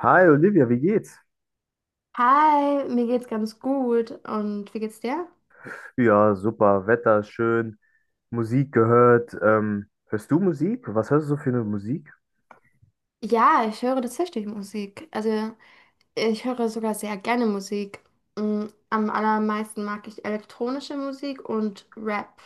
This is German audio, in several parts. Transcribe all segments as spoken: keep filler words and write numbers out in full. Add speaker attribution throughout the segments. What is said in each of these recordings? Speaker 1: Hi Olivia, wie geht's?
Speaker 2: Hi, mir geht's ganz gut. Und wie geht's dir?
Speaker 1: Ja, super, Wetter ist schön, Musik gehört. Ähm, hörst du Musik? Was hörst du so für eine Musik?
Speaker 2: Ja, ich höre tatsächlich Musik. Also, ich höre sogar sehr gerne Musik. Mm, Am allermeisten mag ich elektronische Musik und Rap.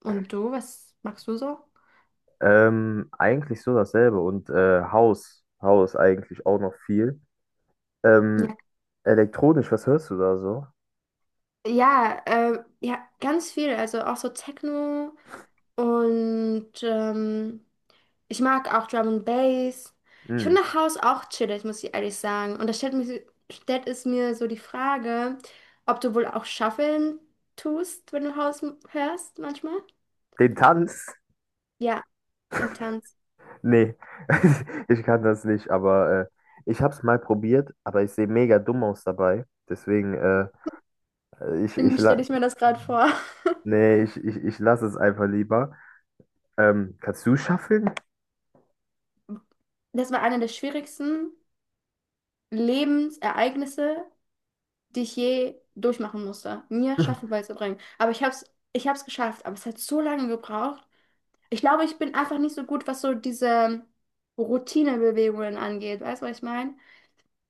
Speaker 2: Und du, was magst du so?
Speaker 1: Ähm, eigentlich so dasselbe und äh, House, House eigentlich auch noch viel. Ähm,
Speaker 2: Ja,
Speaker 1: Elektronisch, was hörst du da so?
Speaker 2: ja, äh, ja, ganz viel. Also auch so Techno und ähm, ich mag auch Drum and Bass. Ich
Speaker 1: Hm,
Speaker 2: finde House auch chillig, muss ich ehrlich sagen. Und da stellt mich, so, stellt es mir so die Frage, ob du wohl auch Shuffeln tust, wenn du House m- hörst manchmal?
Speaker 1: Den Tanz?
Speaker 2: Ja, den Tanz.
Speaker 1: Nee, ich kann das nicht, aber äh, ich hab's mal probiert, aber ich sehe mega dumm aus dabei. Deswegen, äh, ich, ich,
Speaker 2: Irgendwie stelle
Speaker 1: la-
Speaker 2: ich mir das gerade vor.
Speaker 1: nee, ich, ich, ich lasse es einfach lieber. Ähm, kannst du shufflen?
Speaker 2: Das war eine der schwierigsten Lebensereignisse, die ich je durchmachen musste, mir Shuffle beizubringen. Aber ich habe es, ich habe es geschafft. Aber es hat so lange gebraucht. Ich glaube, ich bin einfach nicht so gut, was so diese Routinebewegungen angeht. Weißt du, was ich meine?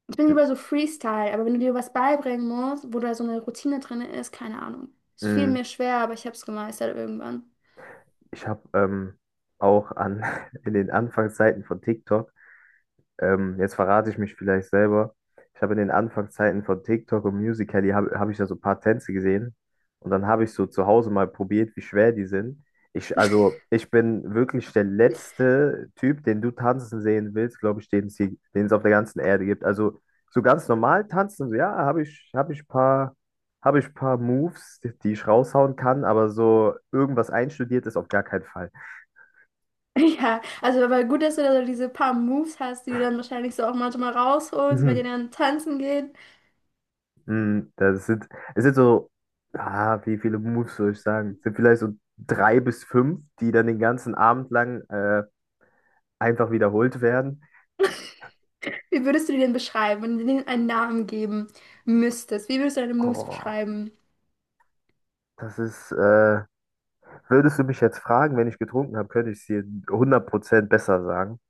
Speaker 2: Ich bin lieber so Freestyle, aber wenn du dir was beibringen musst, wo da so eine Routine drin ist, keine Ahnung. Es fiel
Speaker 1: Mm,
Speaker 2: mir schwer, aber ich habe es gemeistert irgendwann.
Speaker 1: Ich habe ähm, auch an, in den Anfangszeiten von TikTok. Ähm, jetzt verrate ich mich vielleicht selber. Ich habe in den Anfangszeiten von TikTok und Musical.ly habe hab hab ich da so ein paar Tänze gesehen. Und dann habe ich so zu Hause mal probiert, wie schwer die sind. Ich, also, ich bin wirklich der letzte Typ, den du tanzen sehen willst, glaube ich, den es hier, den es auf der ganzen Erde gibt. Also, so ganz normal tanzen, so, ja, habe ich, habe ich paar, habe ich paar Moves, die ich raushauen kann, aber so irgendwas einstudiertes auf gar keinen Fall.
Speaker 2: Ja, also aber gut, dass du da so diese paar Moves hast, die du dann wahrscheinlich so auch manchmal rausholst, wenn ihr dann tanzen geht.
Speaker 1: Mm, Das sind, es sind so, ah, wie viele Moves soll ich sagen? Es sind vielleicht so drei bis fünf, die dann den ganzen Abend lang äh, einfach wiederholt werden.
Speaker 2: Wie würdest du die denn beschreiben, wenn du denen einen Namen geben müsstest? Wie würdest du deine Moves
Speaker 1: Oh,
Speaker 2: beschreiben?
Speaker 1: das ist, äh, würdest du mich jetzt fragen, wenn ich getrunken habe, könnte ich es dir hundert Prozent besser sagen.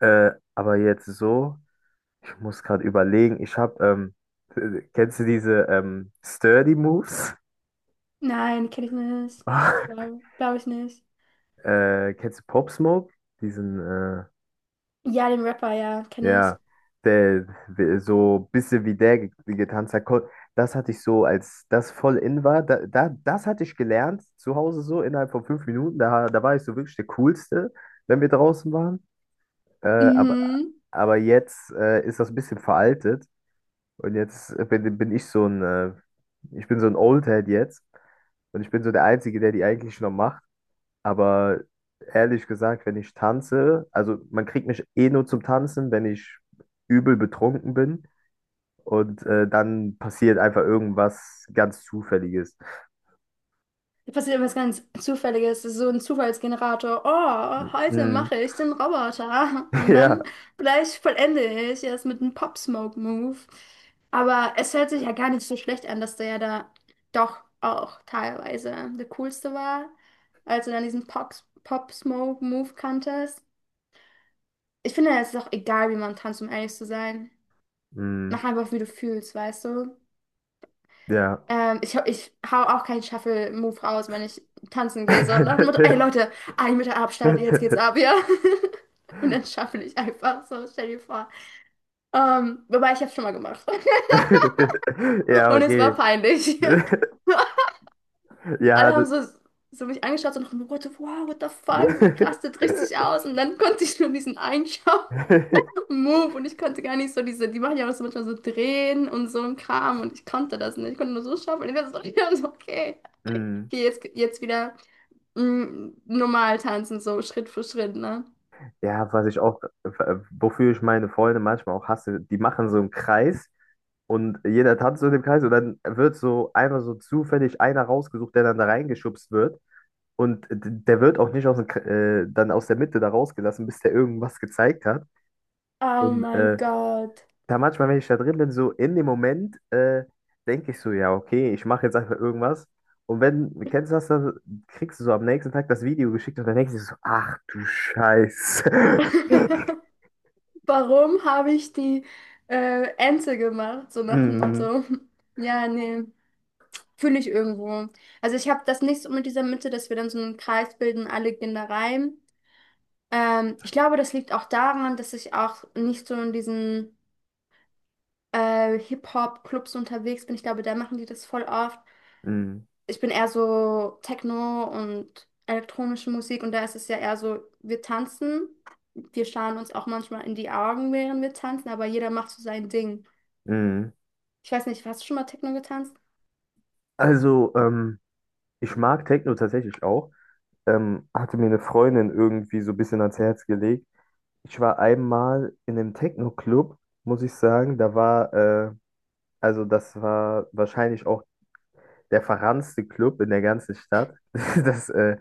Speaker 1: Äh, aber jetzt so, ich muss gerade überlegen, ich habe, ähm, äh, kennst du diese ähm, Sturdy Moves?
Speaker 2: Nein, kenne ich nicht. Glaube glaub glaub ich nicht.
Speaker 1: Äh, kennst du Pop Smoke? Diesen, äh,
Speaker 2: Ja, den Rapper, ja, kenne ich.
Speaker 1: Ja, der, der- so bisschen wie der ge- getanzt hat, ko- das hatte ich so, als das voll in war, da, da, das hatte ich gelernt zu Hause so innerhalb von fünf Minuten, da, da war ich so wirklich der Coolste, wenn wir draußen waren, äh, aber,
Speaker 2: Mhm.
Speaker 1: aber jetzt äh, ist das ein bisschen veraltet und jetzt bin, bin ich so ein, äh, ich bin so ein Oldhead jetzt und ich bin so der Einzige, der die eigentlich noch macht. Aber ehrlich gesagt, wenn ich tanze, also, man kriegt mich eh nur zum Tanzen, wenn ich übel betrunken bin. Und äh, dann passiert einfach irgendwas ganz Zufälliges.
Speaker 2: Da passiert etwas ganz Zufälliges, das ist so ein Zufallsgenerator. Oh, heute
Speaker 1: Mm.
Speaker 2: mache ich den Roboter. Und dann
Speaker 1: Ja,
Speaker 2: gleich vollende ich es mit einem Pop-Smoke-Move. Aber es hört sich ja gar nicht so schlecht an, dass der ja da doch auch teilweise der coolste war, als du dann diesen Pox- Pop-Smoke-Move kanntest. Ich finde, es ist auch egal, wie man tanzt, um ehrlich zu sein.
Speaker 1: mm,
Speaker 2: Mach einfach, wie du fühlst, weißt du?
Speaker 1: ja.
Speaker 2: Ähm, ich, ich hau auch keinen Shuffle-Move raus, wenn ich tanzen gehe. So, nach dem Motto, ey Leute, ein Meter Abstand, jetzt geht's ab, ja. Und dann shuffle ich einfach so, stell dir vor. Ähm, wobei, ich hab's schon mal gemacht.
Speaker 1: Ja,
Speaker 2: Und es
Speaker 1: okay.
Speaker 2: war peinlich. Alle
Speaker 1: Ja, das,
Speaker 2: haben so, so mich angeschaut, so nach dem Motto, wow, what the fuck, sie rastet richtig aus. Und dann konnte ich nur diesen einen Shuffle-Move und ich konnte gar nicht so diese, die machen ja auch so manchmal so drehen und so ein Kram und ich konnte das nicht. Ich konnte nur so shuffle. Und ich war so, ich war so, okay,
Speaker 1: Mm.
Speaker 2: okay, jetzt, jetzt wieder. Mm, normal tanzen, so Schritt für Schritt, ne?
Speaker 1: Ja, was ich auch, wofür ich meine Freunde manchmal auch hasse, die machen so einen Kreis. Und jeder tanzt so in dem Kreis und dann wird so einmal so zufällig einer rausgesucht, der dann da reingeschubst wird. Und d- der wird auch nicht aus dem, K- äh, dann aus der Mitte da rausgelassen, bis der irgendwas gezeigt hat.
Speaker 2: Oh
Speaker 1: Und
Speaker 2: mein
Speaker 1: äh,
Speaker 2: Gott.
Speaker 1: da manchmal, wenn ich da drin bin, so in dem Moment, äh, denke ich so, ja, okay, ich mache jetzt einfach irgendwas. Und wenn, kennst du das, dann kriegst du so am nächsten Tag das Video geschickt und dann denkst du so, ach du Scheiße.
Speaker 2: Warum habe ich die äh, Ente gemacht? So nach dem
Speaker 1: Mm,
Speaker 2: Motto. Ja, nee, fühle ich irgendwo. Also ich habe das nicht so mit dieser Mitte, dass wir dann so einen Kreis bilden, alle gehen da rein. Ähm, ich glaube, das liegt auch daran, dass ich auch nicht so in diesen äh, Hip-Hop-Clubs unterwegs bin. Ich glaube, da machen die das voll oft.
Speaker 1: mm,
Speaker 2: Ich bin eher so Techno und elektronische Musik und da ist es ja eher so, wir tanzen, wir schauen uns auch manchmal in die Augen, während wir tanzen, aber jeder macht so sein Ding.
Speaker 1: mm.
Speaker 2: Ich weiß nicht, hast du schon mal Techno getanzt?
Speaker 1: Also, ähm, ich mag Techno tatsächlich auch. Ähm, hatte mir eine Freundin irgendwie so ein bisschen ans Herz gelegt. Ich war einmal in einem Techno-Club, muss ich sagen. Da war, äh, also das war wahrscheinlich auch der verranzte Club in der ganzen Stadt. Das, äh,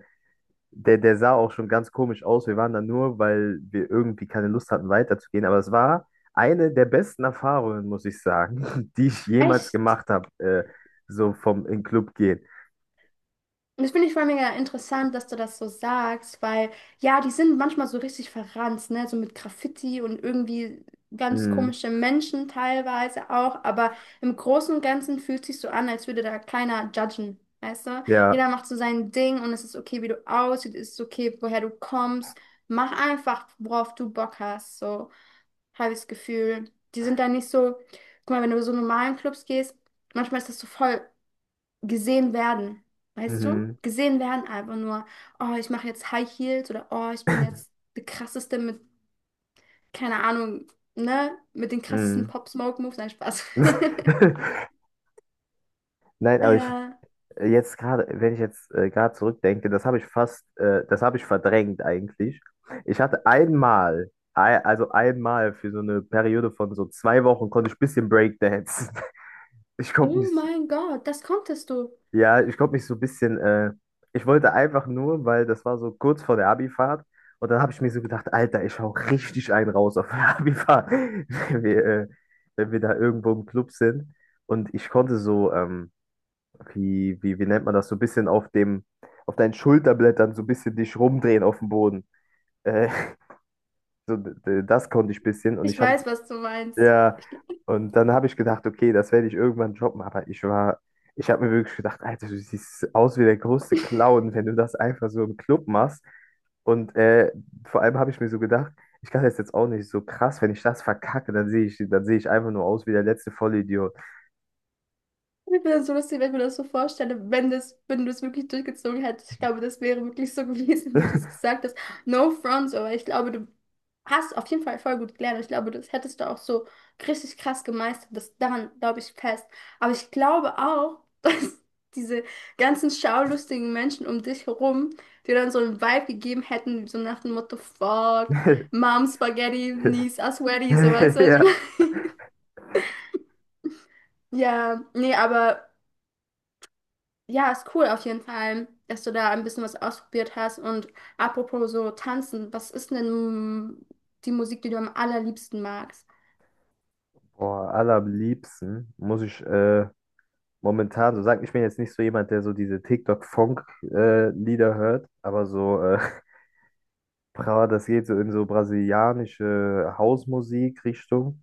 Speaker 1: der, der sah auch schon ganz komisch aus. Wir waren da nur, weil wir irgendwie keine Lust hatten, weiterzugehen. Aber es war eine der besten Erfahrungen, muss ich sagen, die ich jemals
Speaker 2: Echt?
Speaker 1: gemacht habe, äh, so vom in den Club gehen.
Speaker 2: Und das finde ich voll mega interessant, dass du das so sagst, weil ja, die sind manchmal so richtig verranzt, ne? So mit Graffiti und irgendwie ganz
Speaker 1: Mm,
Speaker 2: komische Menschen teilweise auch, aber im Großen und Ganzen fühlt sich so an, als würde da keiner judgen, weißt du?
Speaker 1: ja,
Speaker 2: Jeder macht so sein Ding und es ist okay, wie du aussiehst, es ist okay, woher du kommst. Mach einfach, worauf du Bock hast, so habe ich das Gefühl. Die sind da nicht so, guck mal, wenn du so normalen Clubs gehst, manchmal ist das so voll gesehen werden, weißt du?
Speaker 1: mhm,
Speaker 2: Gesehen werden einfach nur, oh, ich mache jetzt High Heels oder oh, ich bin jetzt die krasseste mit, keine Ahnung, ne? Mit den krassesten
Speaker 1: mm.
Speaker 2: Pop Smoke Moves. Nein, Spaß.
Speaker 1: Nein, aber ich,
Speaker 2: Ja.
Speaker 1: Äh, jetzt gerade, wenn ich jetzt äh, gerade zurückdenke, das habe ich fast, äh, das habe ich verdrängt eigentlich. Ich hatte einmal, ei- also einmal für so eine Periode von so zwei Wochen konnte ich ein bisschen Breakdancen. Ich konnte
Speaker 2: Oh
Speaker 1: mich,
Speaker 2: mein Gott, das konntest du.
Speaker 1: ja, ich konnte mich so ein bisschen, äh, ich wollte einfach nur, weil das war so kurz vor der Abifahrt und dann habe ich mir so gedacht, Alter, ich hau richtig einen raus auf der Abifahrt, wenn wir, äh, wenn wir da irgendwo im Club sind. Und ich konnte so, ähm, wie, wie, wie nennt man das, so ein bisschen auf dem, auf deinen Schulterblättern so ein bisschen dich rumdrehen auf dem Boden. Äh, so, d- das konnte ich ein bisschen und
Speaker 2: Ich
Speaker 1: ich habe,
Speaker 2: weiß, was du meinst.
Speaker 1: ja, und dann habe ich gedacht, okay, das werde ich irgendwann droppen, aber ich war, ich habe mir wirklich gedacht, Alter, du siehst aus wie der größte Clown, wenn du das einfach so im Club machst. Und äh, vor allem habe ich mir so gedacht, ich kann das jetzt auch nicht so krass, wenn ich das verkacke, dann sehe ich, dann sehe ich einfach nur aus wie der letzte Vollidiot.
Speaker 2: Ich bin so lustig, wenn ich mir das so vorstelle, wenn das, wenn du es wirklich durchgezogen hättest. Ich glaube, das wäre wirklich so gewesen, wie du es gesagt hast. No front, aber ich glaube, du hast du auf jeden Fall voll gut gelernt. Ich glaube, das hättest du auch so richtig krass gemeistert. Das daran glaube ich fest. Aber ich glaube auch, dass diese ganzen schaulustigen Menschen um dich herum dir dann so einen Vibe gegeben hätten, so nach dem Motto, fuck, Mom Spaghetti, Niece a Sweaty, so weißt du, was ich
Speaker 1: Ja.
Speaker 2: meine? Ja, nee, aber ja, ist cool auf jeden Fall, dass du da ein bisschen was ausprobiert hast. Und apropos so tanzen, was ist denn die Musik, die du am allerliebsten magst?
Speaker 1: Boah, allerliebsten muss ich äh, momentan so sagen, ich bin jetzt nicht so jemand, der so diese TikTok-Funk-Lieder hört, aber so, äh, Brava, das geht so in so brasilianische Hausmusik-Richtung.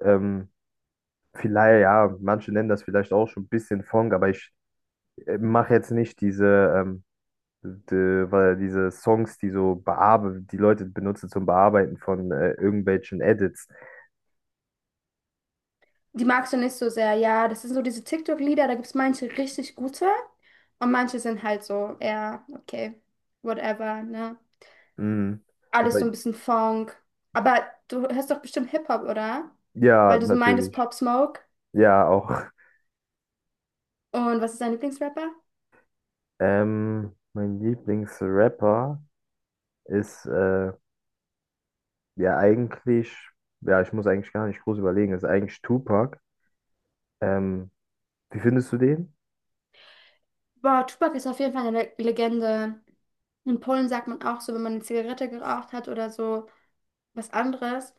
Speaker 1: Ähm, Vielleicht, ja, manche nennen das vielleicht auch schon ein bisschen Funk, aber ich äh, mache jetzt nicht diese, ähm, die, weil diese Songs, die so bearbe die Leute benutzen zum Bearbeiten von äh, irgendwelchen Edits.
Speaker 2: Die magst du nicht so sehr, ja. Das sind so diese TikTok-Lieder, da gibt es manche richtig gute und manche sind halt so, ja, okay, whatever, ne?
Speaker 1: Mhm.
Speaker 2: Alles
Speaker 1: Wobei,
Speaker 2: so ein bisschen Funk. Aber du hörst doch bestimmt Hip-Hop, oder?
Speaker 1: ja,
Speaker 2: Weil du so meintest
Speaker 1: natürlich.
Speaker 2: Pop Smoke.
Speaker 1: Ja, auch.
Speaker 2: Und was ist dein Lieblingsrapper?
Speaker 1: Ähm, mein Lieblingsrapper ist äh, ja eigentlich, ja, ich muss eigentlich gar nicht groß überlegen, ist eigentlich Tupac. Ähm, Wie findest du den?
Speaker 2: Boah, Tupac ist auf jeden Fall eine Le- Legende. In Polen sagt man auch so, wenn man eine Zigarette geraucht hat oder so was anderes,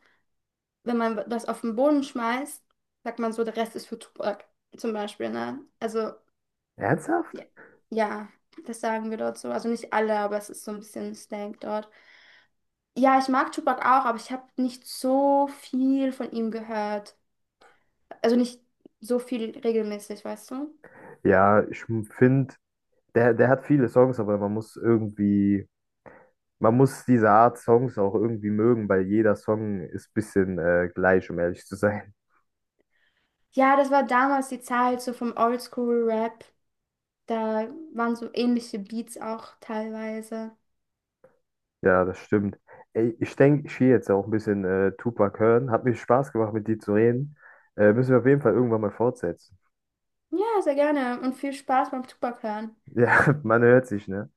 Speaker 2: wenn man das auf den Boden schmeißt, sagt man so, der Rest ist für Tupac zum Beispiel, ne? Also Ja,
Speaker 1: Ernsthaft?
Speaker 2: ja, das sagen wir dort so. Also nicht alle, aber es ist so ein bisschen Slang dort. Ja, ich mag Tupac auch, aber ich habe nicht so viel von ihm gehört. Also nicht so viel regelmäßig, weißt du?
Speaker 1: Ja, ich finde, der, der hat viele Songs, aber man muss irgendwie, man muss diese Art Songs auch irgendwie mögen, weil jeder Song ist ein bisschen äh, gleich, um ehrlich zu sein.
Speaker 2: Ja, das war damals die Zeit so vom Oldschool-Rap. Da waren so ähnliche Beats auch teilweise.
Speaker 1: Ja, das stimmt. Ey, ich denke, ich gehe jetzt auch ein bisschen äh, Tupac hören. Hat mir Spaß gemacht, mit dir zu reden. Äh, müssen wir auf jeden Fall irgendwann mal fortsetzen.
Speaker 2: Ja, sehr gerne und viel Spaß beim Tupac hören.
Speaker 1: Ja, man hört sich, ne?